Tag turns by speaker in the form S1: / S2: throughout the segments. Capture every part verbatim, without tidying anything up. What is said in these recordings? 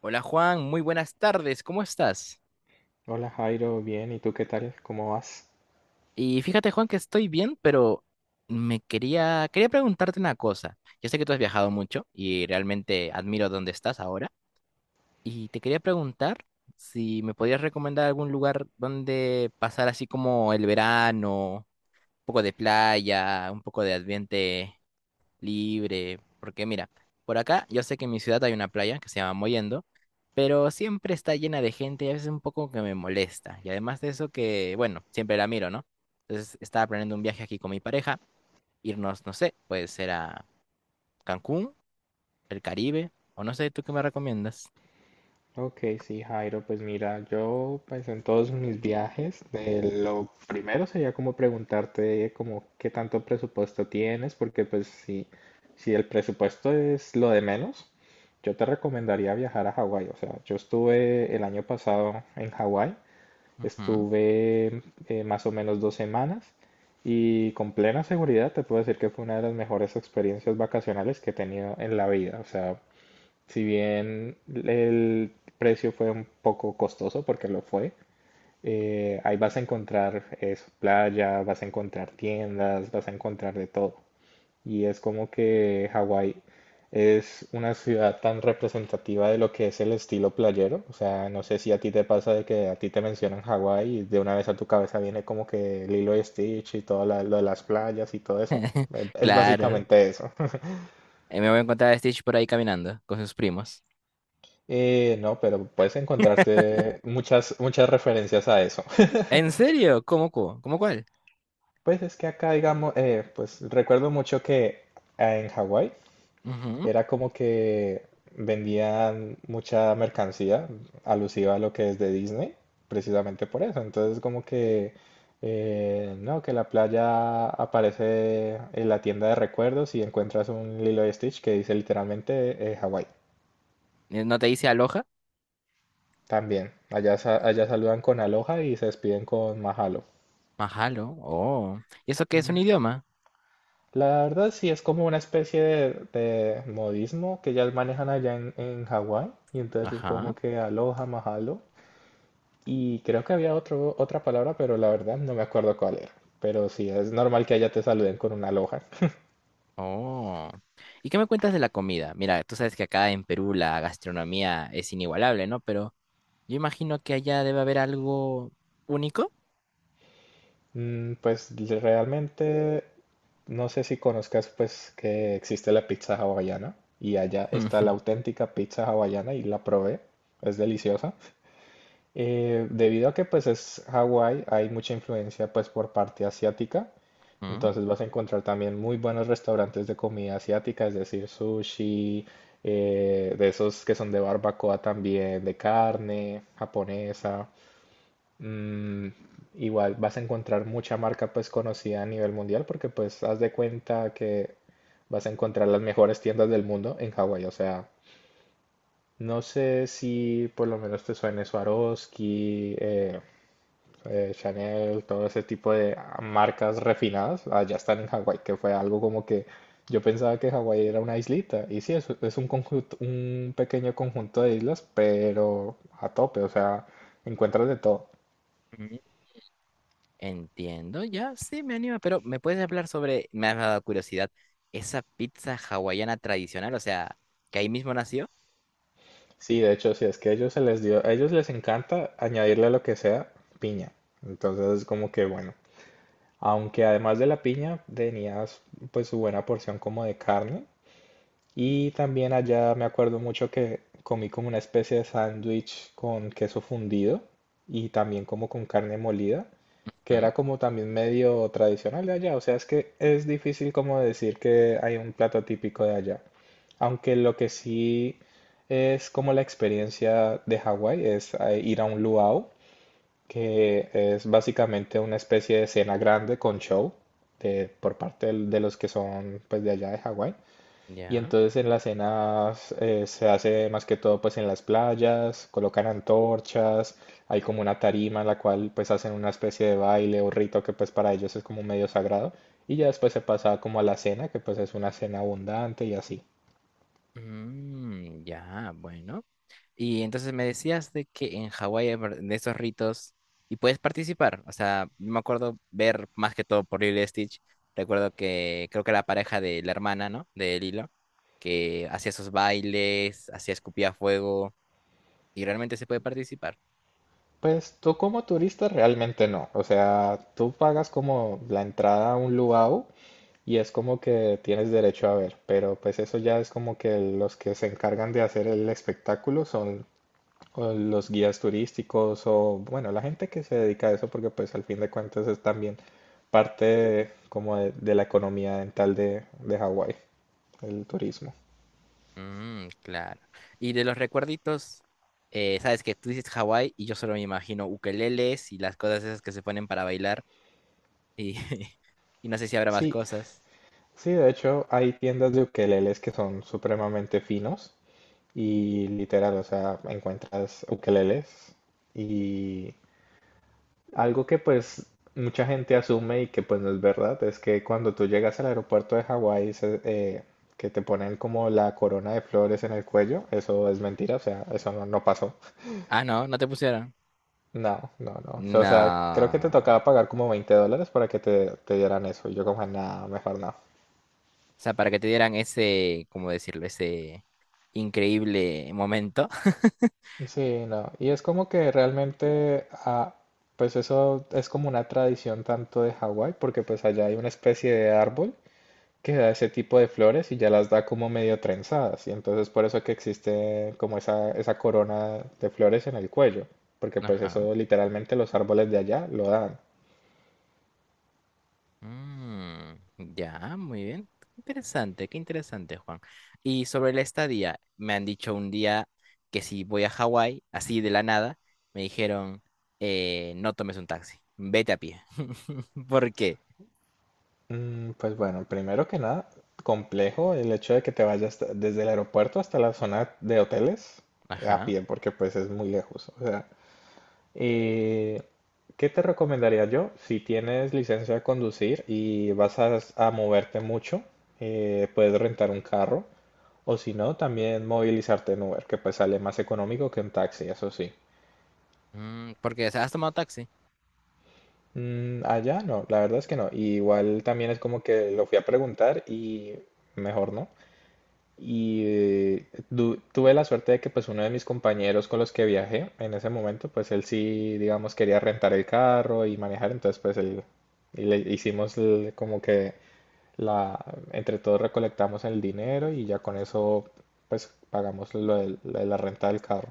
S1: Hola Juan, muy buenas tardes, ¿cómo estás?
S2: Hola Jairo, bien, ¿y tú qué tal? ¿Cómo vas?
S1: Y fíjate Juan que estoy bien, pero me quería, quería preguntarte una cosa. Yo sé que tú has viajado mucho y realmente admiro dónde estás ahora. Y te quería preguntar si me podías recomendar algún lugar donde pasar así como el verano, un poco de playa, un poco de ambiente libre. Porque mira, por acá yo sé que en mi ciudad hay una playa que se llama Mollendo, pero siempre está llena de gente y a veces un poco que me molesta. Y además de eso que, bueno, siempre la miro, ¿no? Entonces estaba planeando un viaje aquí con mi pareja, irnos, no sé, puede ser a Cancún, el Caribe, o no sé, ¿tú qué me recomiendas?
S2: Ok, sí Jairo, pues mira, yo pues en todos mis viajes, eh, lo primero sería como preguntarte como qué tanto presupuesto tienes, porque pues si, si el presupuesto es lo de menos, yo te recomendaría viajar a Hawái, o sea, yo estuve el año pasado en Hawái,
S1: Ujú.
S2: estuve eh, más o menos dos semanas. Y con plena seguridad te puedo decir que fue una de las mejores experiencias vacacionales que he tenido en la vida. O sea, si bien el precio fue un poco costoso, porque lo fue, eh, ahí vas a encontrar eso, playa, vas a encontrar tiendas, vas a encontrar de todo. Y es como que Hawái es una ciudad tan representativa de lo que es el estilo playero. O sea, no sé si a ti te pasa de que a ti te mencionan Hawái y de una vez a tu cabeza viene como que Lilo y Stitch y todo la- lo de las playas y todo eso. Eh, Es
S1: Claro.
S2: básicamente eso.
S1: Eh, me voy a encontrar a Stitch por ahí caminando con sus primos.
S2: Eh, no, pero puedes encontrarte muchas, muchas referencias a eso.
S1: ¿En serio? ¿Cómo, cómo, cómo cuál?
S2: Pues es que acá, digamos, eh, pues recuerdo mucho que eh, en Hawái
S1: Ujú.
S2: era como que vendían mucha mercancía alusiva a lo que es de Disney, precisamente por eso. Entonces, como que, eh, no, que la playa aparece en la tienda de recuerdos y encuentras un Lilo y Stitch que dice literalmente eh, Hawái.
S1: Eh, ¿No te dice aloja?
S2: También, allá, sa- allá saludan con aloha y se despiden con mahalo.
S1: Mahalo. Oh. ¿Y eso qué es un idioma?
S2: La verdad sí es como una especie de, de modismo que ya manejan allá en, en Hawái y entonces es
S1: Ajá.
S2: como que aloha, mahalo y creo que había otro, otra palabra pero la verdad no me acuerdo cuál era. Pero sí, es normal que allá te saluden con una aloha.
S1: Oh. ¿Y qué me cuentas de la comida? Mira, tú sabes que acá en Perú la gastronomía es inigualable, ¿no? Pero yo imagino que allá debe haber algo único.
S2: Mm, pues realmente no sé si conozcas pues que existe la pizza hawaiana y allá está la auténtica pizza hawaiana y la probé, es deliciosa. Eh, debido a que pues es Hawái, hay mucha influencia pues por parte asiática,
S1: Mm,
S2: entonces vas a encontrar también muy buenos restaurantes de comida asiática, es decir, sushi, eh, de esos que son de barbacoa también, de carne japonesa. Mm, Igual vas a encontrar mucha marca pues conocida a nivel mundial porque pues haz de cuenta que vas a encontrar las mejores tiendas del mundo en Hawái, o sea. No sé si por lo menos te suene Swarovski, eh, eh, Chanel, todo ese tipo de ah, marcas refinadas, allá están en Hawái, que fue algo como que yo pensaba que Hawái era una islita, y sí, es, es un conjunto, un pequeño conjunto de islas, pero a tope, o sea, encuentras de todo.
S1: mm. Entiendo, ya, sí, me anima, pero ¿me puedes hablar sobre, me ha dado curiosidad, esa pizza hawaiana tradicional, o sea, que ahí mismo nació?
S2: Sí, de hecho, sí, es que a ellos se les dio, a ellos les encanta añadirle lo que sea, piña. Entonces, como que bueno, aunque además de la piña tenías pues su buena porción como de carne, y también allá me acuerdo mucho que comí como una especie de sándwich con queso fundido y también como con carne molida, que
S1: Mm.
S2: era como también medio tradicional de allá. O sea, es que es difícil como decir que hay un plato típico de allá. Aunque lo que sí es como la experiencia de Hawái es eh, ir a un luau, que es básicamente una especie de cena grande con show de, por parte del- de los que son pues de allá de Hawái. Y
S1: Ya.
S2: entonces en las cenas eh, se hace más que todo pues en las playas, colocan antorchas, hay como una tarima en la cual pues hacen una especie de baile o rito que pues para ellos es como medio sagrado y ya después se pasa como a la cena que pues es una cena abundante y así.
S1: Mm, ya, bueno. Y entonces me decías de que en Hawái hay ver- de estos ritos y puedes participar. O sea, yo me acuerdo ver más que todo por Lilo y Stitch. Recuerdo que creo que la pareja de la hermana, ¿no? De Lilo, que hacía esos bailes, hacía escupía fuego y realmente se puede participar.
S2: Pues tú como turista realmente no, o sea, tú pagas como la entrada a un luau y es como que tienes derecho a ver, pero pues eso ya es como que los que se encargan de hacer el espectáculo son o los guías turísticos o, bueno, la gente que se dedica a eso porque pues al fin de cuentas es también parte de- como de, de la economía dental de, de Hawái, el turismo.
S1: Mm, claro. Y de los recuerditos, eh, sabes que tú dices Hawái y yo solo me imagino ukeleles y las cosas esas que se ponen para bailar y, y no sé si habrá más
S2: Sí,
S1: cosas.
S2: sí, de hecho hay tiendas de ukeleles que son supremamente finos y literal, o sea, encuentras ukeleles y algo que pues mucha gente asume y que pues no es verdad es que cuando tú llegas al aeropuerto de Hawái se- eh, que te ponen como la corona de flores en el cuello, eso es mentira, o sea, eso no, no pasó.
S1: Ah, no, no te pusieron.
S2: No, no, no. O sea, creo que te
S1: No.
S2: tocaba pagar como veinte dólares para que te, te dieran eso. Y yo como, nada, mejor no.
S1: O sea, para que te dieran ese, ¿cómo decirlo? Ese increíble momento.
S2: Sí, no. Y es como que realmente, ah, pues eso es como una tradición tanto de Hawái, porque pues allá hay una especie de árbol que da ese tipo de flores y ya las da como medio trenzadas. Y entonces por eso que existe como esa, esa corona de flores en el cuello. Porque pues
S1: Ajá.
S2: eso literalmente los árboles de allá lo dan.
S1: Mm, ya, muy bien. Interesante, qué interesante, Juan. Y sobre la estadía, me han dicho un día que si voy a Hawái, así de la nada, me dijeron, eh, no tomes un taxi, vete a pie. ¿Por qué?
S2: Mm, pues bueno, primero que nada, complejo el hecho de que te vayas desde el aeropuerto hasta la zona de hoteles a
S1: Ajá.
S2: pie, porque pues es muy lejos. O sea, Eh, ¿qué te recomendaría yo? Si tienes licencia de conducir y vas a, a moverte mucho, eh, puedes rentar un carro o si no, también movilizarte en Uber, que pues sale más económico que un taxi, eso sí.
S1: Mm, porque, o sea, has tomado taxi.
S2: Mm, allá no, la verdad es que no. Y igual también es como que lo fui a preguntar y mejor no. Y eh, du- tuve la suerte de que pues uno de mis compañeros con los que viajé en ese momento, pues él sí, digamos, quería rentar el carro y manejar, entonces pues él, y le hicimos el- como que la, entre todos recolectamos el dinero y ya con eso pues pagamos lo del- lo de la renta del carro.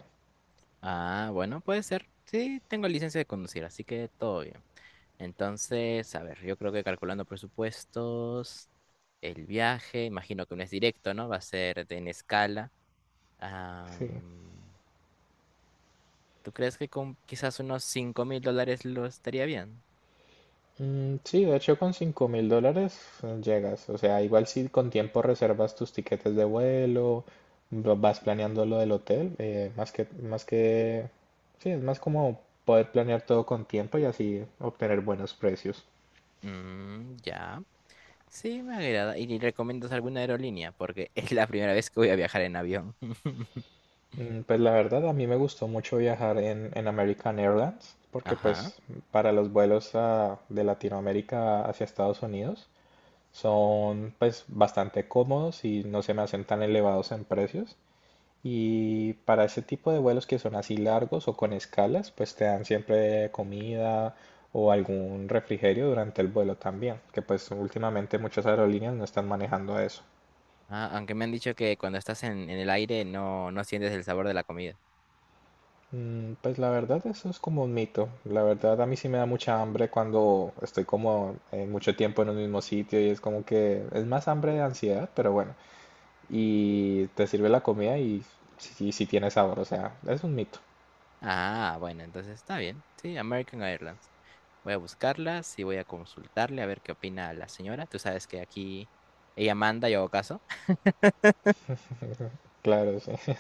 S1: Ah, bueno, puede ser. Sí, tengo licencia de conducir, así que todo bien. Entonces, a ver, yo creo que calculando presupuestos, el viaje, imagino que no es directo, ¿no? Va a ser de- en escala.
S2: Sí.
S1: Am, ¿tú crees que con quizás unos cinco mil dólares lo estaría bien?
S2: Mm, sí, de hecho con cinco mil dólares eh, llegas. O sea, igual si con tiempo reservas tus tiquetes de vuelo, lo- vas planeando lo del hotel, eh, más que, más que, sí, es más como poder planear todo con tiempo y así obtener buenos precios.
S1: Mm, ya. Sí, me agrada. ¿Y recomiendas alguna aerolínea? Porque es la primera vez que voy a viajar en avión.
S2: Mm, Pues la verdad, a mí me gustó mucho viajar en, en American Airlines, porque
S1: Ajá.
S2: pues para los vuelos a- de Latinoamérica hacia Estados Unidos son pues bastante cómodos y no se me hacen tan elevados en precios. Y para ese tipo de vuelos que son así largos o con escalas, pues te dan siempre comida o algún refrigerio durante el vuelo también, que pues últimamente muchas aerolíneas no están manejando eso.
S1: Ah, aunque me han dicho que cuando estás en, en el aire no, no sientes el sabor de la comida.
S2: Mm, Pues la verdad eso es como un mito. La verdad a mí sí me da mucha hambre cuando estoy como eh, mucho tiempo en un mismo sitio y es como que es más hambre de ansiedad, pero bueno. Y te sirve la comida y si, si tiene sabor, o sea, es un mito.
S1: Ah, bueno, entonces está bien. Sí, American Airlines. Voy a buscarlas y voy a consultarle a ver qué opina la señora. Tú sabes que aquí ella manda, yo hago caso.
S2: Claro, sí.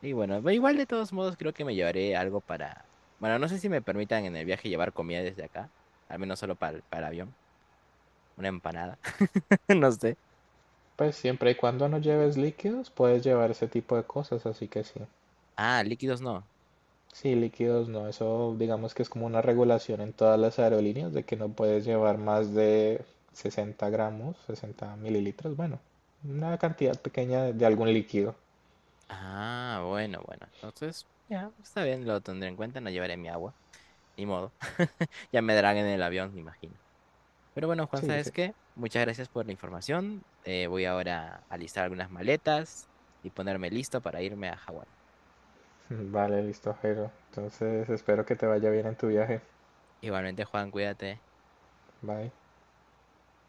S1: Y bueno, ve igual de todos modos creo que me llevaré algo para... Bueno, no sé si me permitan en el viaje llevar comida desde acá. Al menos solo para, para el avión. Una empanada. No sé.
S2: Pues siempre y cuando no lleves líquidos, puedes llevar ese tipo de cosas, así que sí.
S1: Ah, líquidos no.
S2: Sí, líquidos no, eso digamos que es como una regulación en todas las aerolíneas de que no puedes llevar más de sesenta gramos, sesenta mililitros, bueno, una cantidad pequeña de, de algún líquido.
S1: Ah, bueno, bueno. Entonces, ya, está bien, lo tendré en cuenta. No llevaré mi agua. Ni modo. Ya me darán en el avión, me imagino. Pero bueno, Juan,
S2: Sí,
S1: ¿sabes
S2: sí.
S1: qué? Muchas gracias por la información. Eh, voy ahora a listar algunas maletas y ponerme listo para irme a Hawái.
S2: Vale, listo, Jero. Entonces espero que te vaya bien en tu viaje.
S1: Igualmente, Juan, cuídate.
S2: Bye.